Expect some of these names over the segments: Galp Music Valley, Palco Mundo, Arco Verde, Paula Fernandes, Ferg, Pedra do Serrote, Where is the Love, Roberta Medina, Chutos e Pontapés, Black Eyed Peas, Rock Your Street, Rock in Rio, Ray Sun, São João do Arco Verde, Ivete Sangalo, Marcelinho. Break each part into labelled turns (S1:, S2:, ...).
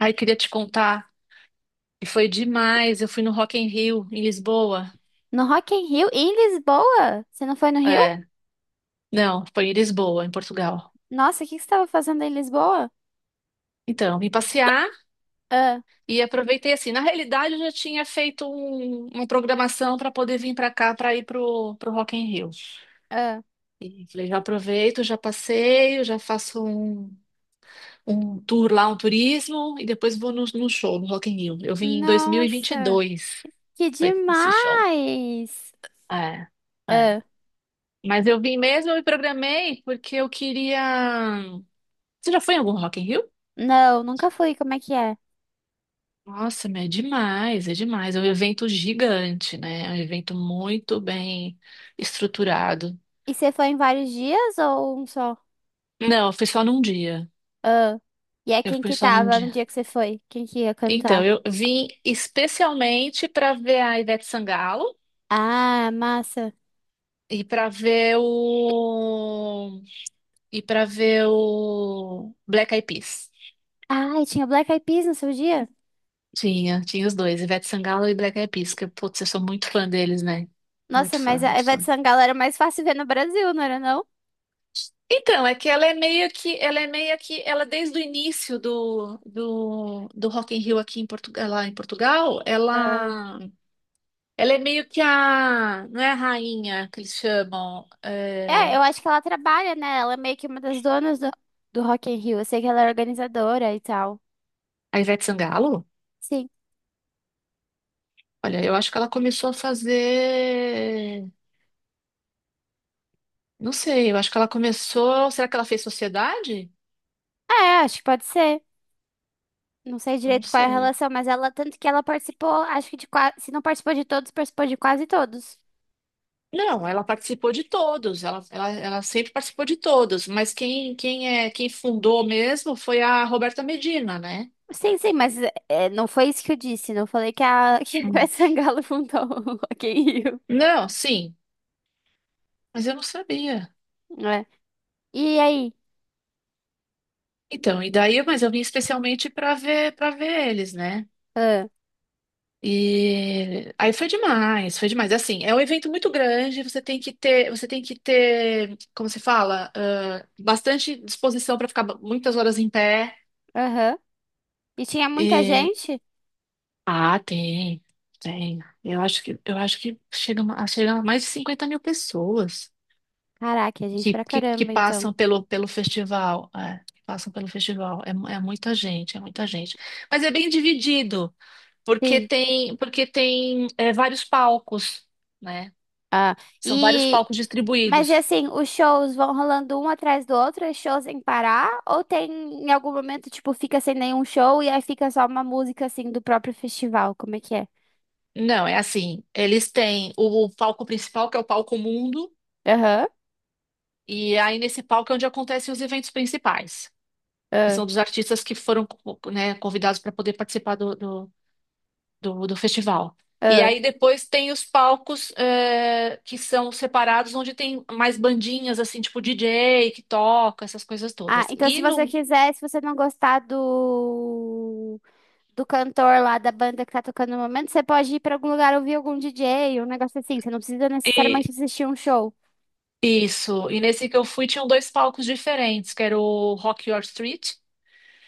S1: Ai, queria te contar. E foi demais. Eu fui no Rock in Rio, em Lisboa.
S2: No Rock in Rio? Em Lisboa? Você não foi no Rio?
S1: É, não, foi em Lisboa, em Portugal.
S2: Nossa, o que que você estava fazendo em Lisboa?
S1: Então, vim passear
S2: Ah,
S1: e aproveitei assim. Na realidade, eu já tinha feito uma programação para poder vir para cá, para ir pro Rock in Rio.
S2: ah.
S1: E falei, já aproveito, já passeio, um tour lá, um turismo, e depois vou no show, no Rock in Rio. Eu vim em
S2: Nossa,
S1: 2022,
S2: que
S1: foi esse show.
S2: demais!
S1: É, é.
S2: Ah,
S1: Mas eu vim mesmo, eu me programei porque eu queria. Você já foi em algum Rock in Rio?
S2: não, nunca fui. Como é que é?
S1: Nossa, mas é demais, é demais. É um evento gigante, né? É um evento muito bem estruturado.
S2: E você foi em vários dias ou um só?
S1: Não, eu fui só num dia.
S2: Ah, e é
S1: Eu
S2: quem
S1: fui
S2: que
S1: só num
S2: tava no
S1: dia.
S2: dia que você foi? Quem que ia
S1: Então,
S2: cantar?
S1: eu vim especialmente para ver a Ivete Sangalo
S2: Ah, massa.
S1: e para ver o e para ver o Black Eyed Peas.
S2: Ah, e tinha Black Eyed Peas no seu dia?
S1: Tinha, tinha os dois, Ivete Sangalo e Black Eyed Peas, que, putz, eu sou muito fã deles, né?
S2: Nossa,
S1: Muito
S2: mas
S1: fã,
S2: a
S1: muito
S2: Ivete
S1: fã.
S2: Sangalo era mais fácil ver no Brasil, não era não?
S1: Então, é que ela é meio que, ela desde o início do Rock in Rio aqui em Portugal, lá em Portugal, ela é meio que a, não é a rainha que eles chamam,
S2: É,
S1: é,
S2: eu acho que ela trabalha, né? Ela é meio que uma das donas do Rock in Rio. Eu sei que ela é organizadora e tal.
S1: a Ivete Sangalo?
S2: Sim.
S1: Olha, eu acho que ela começou a fazer, não sei, eu acho que ela começou, será que ela fez Sociedade?
S2: É, acho que pode ser. Não sei
S1: Não
S2: direito qual é a
S1: sei.
S2: relação, mas ela, tanto que ela participou, acho que de quase, se não participou de todos, participou de quase todos.
S1: Não, ela participou de todos, ela sempre participou de todos, mas quem fundou mesmo foi a Roberta Medina, né?
S2: Sim, sim, mas não foi isso que eu disse. Não falei que a que a
S1: Hum.
S2: Ivete Sangalo fundou o Rock in Rio.
S1: Não, sim, mas eu não sabia.
S2: É. E aí?
S1: Então, e daí, mas eu vim especialmente para ver eles, né?
S2: Ah,
S1: E aí foi demais, foi demais. Assim, é um evento muito grande, você tem que ter, como se fala, ah, bastante disposição para ficar muitas horas em pé.
S2: Aham. E tinha muita gente?
S1: Ah, tem, tem. Eu acho que chega, a chega a mais de 50 mil pessoas
S2: Caraca, é gente pra
S1: que
S2: caramba, então.
S1: passam pelo festival. É, que passam pelo festival. É, é muita gente, é muita gente. Mas é bem dividido,
S2: Sim.
S1: porque tem é, vários palcos, né?
S2: Ah,
S1: São vários
S2: e
S1: palcos
S2: Mas e
S1: distribuídos.
S2: assim, os shows vão rolando um atrás do outro, é show sem parar? Ou tem em algum momento, tipo, fica sem nenhum show e aí fica só uma música assim do próprio festival? Como é que é?
S1: Não, é assim, eles têm o palco principal, que é o palco Mundo,
S2: Aham.
S1: e aí nesse palco é onde acontecem os eventos principais, que
S2: ah,
S1: são dos artistas que foram, né, convidados para poder participar do festival. E
S2: ah.
S1: aí depois tem os palcos é, que são separados, onde tem mais bandinhas, assim, tipo DJ que toca, essas coisas
S2: Ah,
S1: todas.
S2: então se
S1: E
S2: você
S1: no.
S2: quiser, se você não gostar do do cantor lá da banda que tá tocando no momento, você pode ir pra algum lugar ouvir algum DJ, um negócio assim. Você não precisa necessariamente
S1: e-
S2: assistir um show.
S1: isso. E nesse que eu fui, tinham dois palcos diferentes, que era o Rock Your Street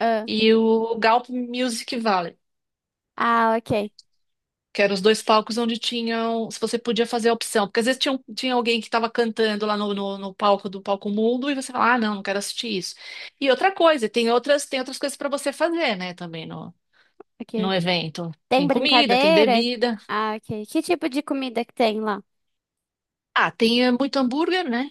S2: Ah,
S1: e o Galp Music Valley.
S2: ah, ok,
S1: Que eram os dois palcos onde tinham. Se você podia fazer a opção. Porque às vezes tinha, tinha alguém que estava cantando lá no palco do Palco Mundo e você fala, ah, não, não quero assistir isso. E outra coisa, tem outras coisas para você fazer, né, também no,
S2: ok.
S1: no evento.
S2: Tem
S1: Tem comida, tem
S2: brincadeira?
S1: bebida.
S2: Ah, ok. Que tipo de comida que tem lá?
S1: Ah, tem muito hambúrguer, né?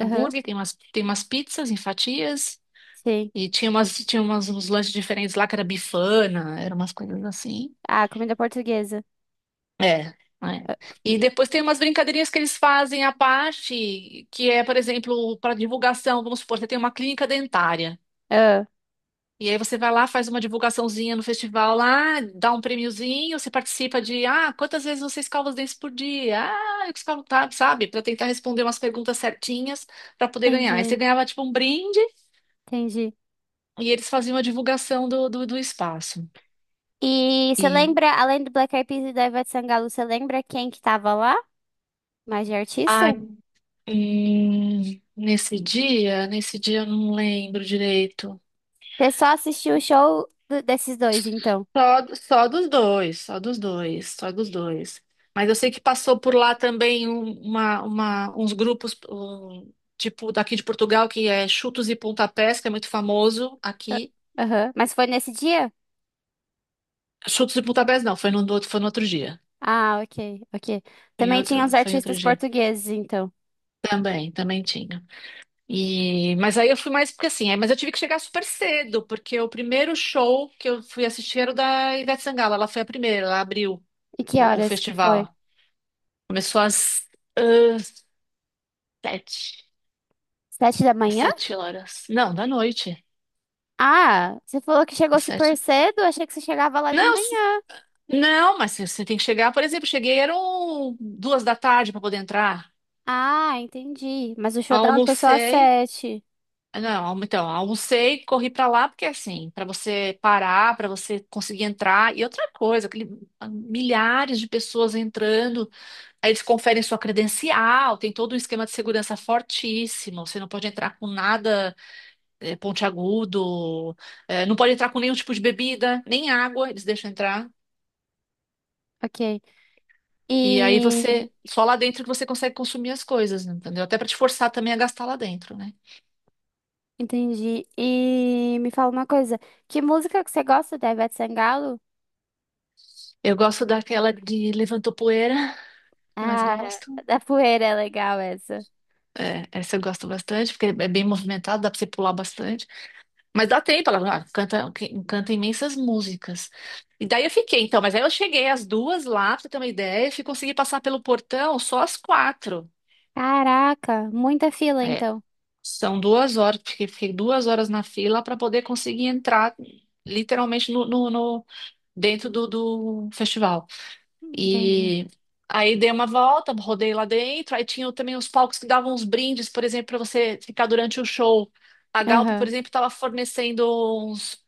S2: Aham.
S1: tem umas pizzas em fatias.
S2: Sim.
S1: E uns lanches diferentes lá que era bifana, eram umas coisas assim.
S2: Ah, comida portuguesa.
S1: É, é. E depois tem umas brincadeirinhas que eles fazem à parte, que é, por exemplo, para divulgação, vamos supor, você tem uma clínica dentária.
S2: Ah,
S1: E aí você vai lá, faz uma divulgaçãozinha no festival lá, dá um prêmiozinho, você participa de, ah, quantas vezes você escova os dentes por dia? Ah, eu escovo, tá, sabe? Para tentar responder umas perguntas certinhas para poder ganhar. Aí você
S2: entendi,
S1: ganhava tipo um brinde
S2: entendi.
S1: e eles faziam a divulgação do espaço.
S2: E você
S1: E,
S2: lembra, além do Black Eyed Peas e da Ivete Sangalo, você lembra quem que tava lá? Mais de artista?
S1: ai, nesse dia eu não lembro direito.
S2: Você só assistiu o show do- desses dois, então.
S1: Só, só dos dois, só dos dois. Mas eu sei que passou por lá também uns grupos, um, tipo daqui de Portugal, que é Chutos e Pontapés, que é muito famoso
S2: Ah,
S1: aqui.
S2: Aham. Mas foi nesse dia?
S1: Chutos e Pontapés não, foi foi no outro dia.
S2: Ah, ok, ok. Também tinha os
S1: Foi em outro
S2: artistas
S1: dia.
S2: portugueses, então.
S1: Também, também tinha. E, mas aí eu fui mais porque assim, mas eu tive que chegar super cedo, porque o primeiro show que eu fui assistir era o da Ivete Sangalo, ela foi a primeira, ela abriu
S2: E que
S1: o
S2: horas que foi?
S1: festival. Começou às Sete.
S2: Sete da
S1: Às
S2: manhã?
S1: sete horas. Não, da noite.
S2: Ah, você falou que chegou
S1: Às Sete.
S2: super cedo, achei que você chegava lá de
S1: Não, s-
S2: manhã.
S1: não, mas você tem que chegar. Por exemplo, cheguei, eram duas da tarde para poder entrar.
S2: Ah, entendi. Mas o show dela foi só às
S1: Almocei.
S2: sete.
S1: Não, então, almocei, corri para lá, porque assim, para você parar, para você conseguir entrar. E outra coisa, milhares de pessoas entrando, aí eles conferem sua credencial, tem todo um esquema de segurança fortíssimo, você não pode entrar com nada. É, pontiagudo, é, não pode entrar com nenhum tipo de bebida, nem água, eles deixam entrar.
S2: Ok.
S1: E aí
S2: E
S1: você, só lá dentro que você consegue consumir as coisas, né, entendeu? Até para te forçar também a gastar lá dentro, né?
S2: entendi. E me fala uma coisa, que música que você gosta da Ivete Sangalo?
S1: Eu gosto daquela de levantou poeira, que eu mais
S2: Ah,
S1: gosto.
S2: da Poeira é legal essa.
S1: É, essa eu gosto bastante, porque é bem movimentada, dá pra você pular bastante. Mas dá tempo, ela canta imensas músicas. E daí eu fiquei, então, mas aí eu cheguei às duas lá, pra você ter uma ideia, e consegui passar pelo portão só às quatro.
S2: Caraca, muita fila
S1: É,
S2: então.
S1: São duas horas, porque fiquei duas horas na fila para poder conseguir entrar literalmente dentro do festival.
S2: Entendi.
S1: E aí dei uma volta, rodei lá dentro, aí tinha também os palcos que davam uns brindes, por exemplo, para você ficar durante o show. A Galpo, por
S2: Aham.
S1: exemplo, estava fornecendo uns,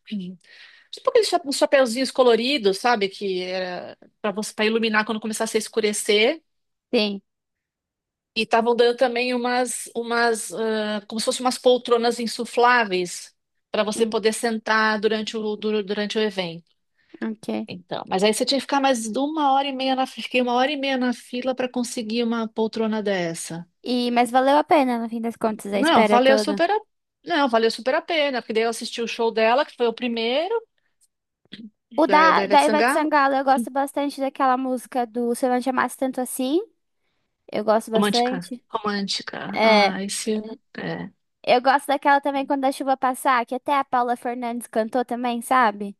S1: tipo aqueles uns chapeuzinhos coloridos, sabe? Que era para você para iluminar quando começasse a escurecer.
S2: Sim.
S1: E estavam dando também como se fossem umas poltronas insufláveis para você
S2: Hum,
S1: poder sentar durante durante o evento.
S2: ok.
S1: Então, mas aí você tinha que ficar mais de uma hora e meia na, fiquei uma hora e meia na fila para conseguir uma poltrona dessa.
S2: E mas valeu a pena no fim das contas a
S1: Não,
S2: espera
S1: valeu
S2: toda.
S1: super a, não, valeu super a pena, porque daí eu assisti o show dela, que foi o primeiro,
S2: O
S1: da Ivete
S2: da Ivete
S1: Sangalo.
S2: Sangalo, eu gosto bastante daquela música do Se Eu Não Te Amasse Tanto Assim. Eu gosto
S1: Romântica.
S2: bastante.
S1: Romântica.
S2: É,
S1: Ah, esse é,
S2: eu gosto daquela também quando a chuva passar, que até a Paula Fernandes cantou também, sabe?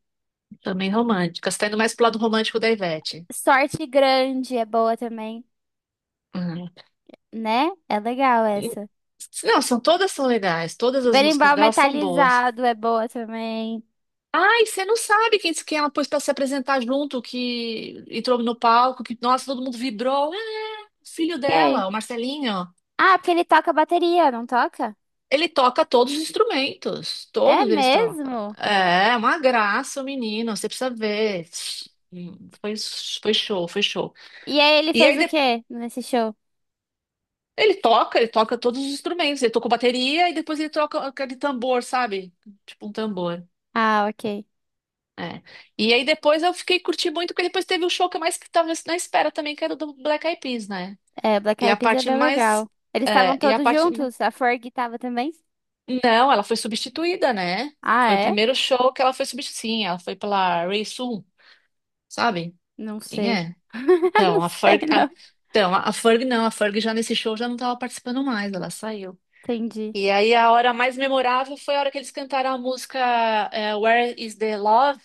S1: também romântica. Você tá indo mais pro lado romântico da Ivete.
S2: Sorte grande é boa também, né? É legal
S1: E-
S2: essa.
S1: Não, são todas são legais, todas as músicas
S2: Berimbau
S1: delas são boas.
S2: metalizado é boa também.
S1: Ai, você não sabe quem que ela pôs pra se apresentar junto, que entrou no palco, que nossa, todo mundo vibrou. Ah, o filho
S2: Quem?
S1: dela, o Marcelinho.
S2: Ah, porque ele toca bateria, não toca?
S1: Ele toca todos os instrumentos,
S2: É
S1: todos eles trocam.
S2: mesmo?
S1: É, uma graça, o menino, você precisa ver. Hum, Foi, foi show, foi show.
S2: E aí ele
S1: E
S2: fez
S1: aí
S2: o
S1: de-
S2: quê nesse show?
S1: ele toca todos os instrumentos, ele toca bateria e depois ele troca aquele tambor, sabe? Tipo um tambor.
S2: Ah, ok.
S1: É. E aí depois eu fiquei curtindo muito, porque depois teve o show que eu mais que tava na espera também, que era o do Black Eyed Peas, né?
S2: É, Black
S1: E
S2: Eyed
S1: a
S2: Peas é
S1: parte
S2: bem
S1: mais.
S2: legal. Eles estavam
S1: E a
S2: todos
S1: parte.
S2: juntos? A Ferg tava também?
S1: Não, ela foi substituída, né?
S2: Ah,
S1: Foi o
S2: é?
S1: primeiro show que ela foi substituída. Sim, ela foi pela Ray Sun, sabe?
S2: Não
S1: Quem
S2: sei.
S1: é?
S2: Não
S1: Então, a
S2: sei,
S1: Ferg. a-
S2: não.
S1: Então, a Ferg não, a Ferg já nesse show já não tava participando mais, ela saiu.
S2: Entendi.
S1: E aí a hora mais memorável foi a hora que eles cantaram a música Where is the Love?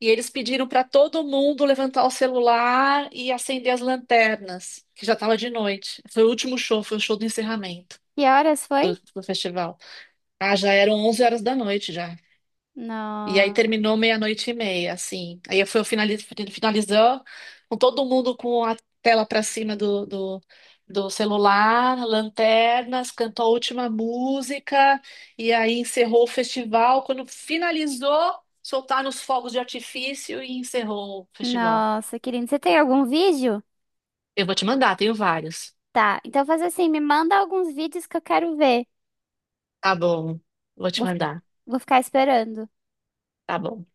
S1: E eles pediram para todo mundo levantar o celular e acender as lanternas, que já estava de noite. Foi o último show, foi o show do encerramento
S2: Que horas foi?
S1: do festival. Ah, já eram 23 horas da noite já. E aí
S2: No...
S1: terminou meia-noite e meia, assim. Aí eu fui finalizando com todo mundo com a tela para cima do celular, lanternas, cantou a última música, e aí encerrou o festival. Quando finalizou, soltaram os fogos de artifício e encerrou o festival.
S2: Nossa, querido. Você tem algum vídeo?
S1: Eu vou te mandar, tenho vários.
S2: Tá, então faz assim, me manda alguns vídeos que eu quero ver.
S1: Tá bom, vou te
S2: Vou,
S1: mandar.
S2: vou ficar esperando.
S1: Tá bom.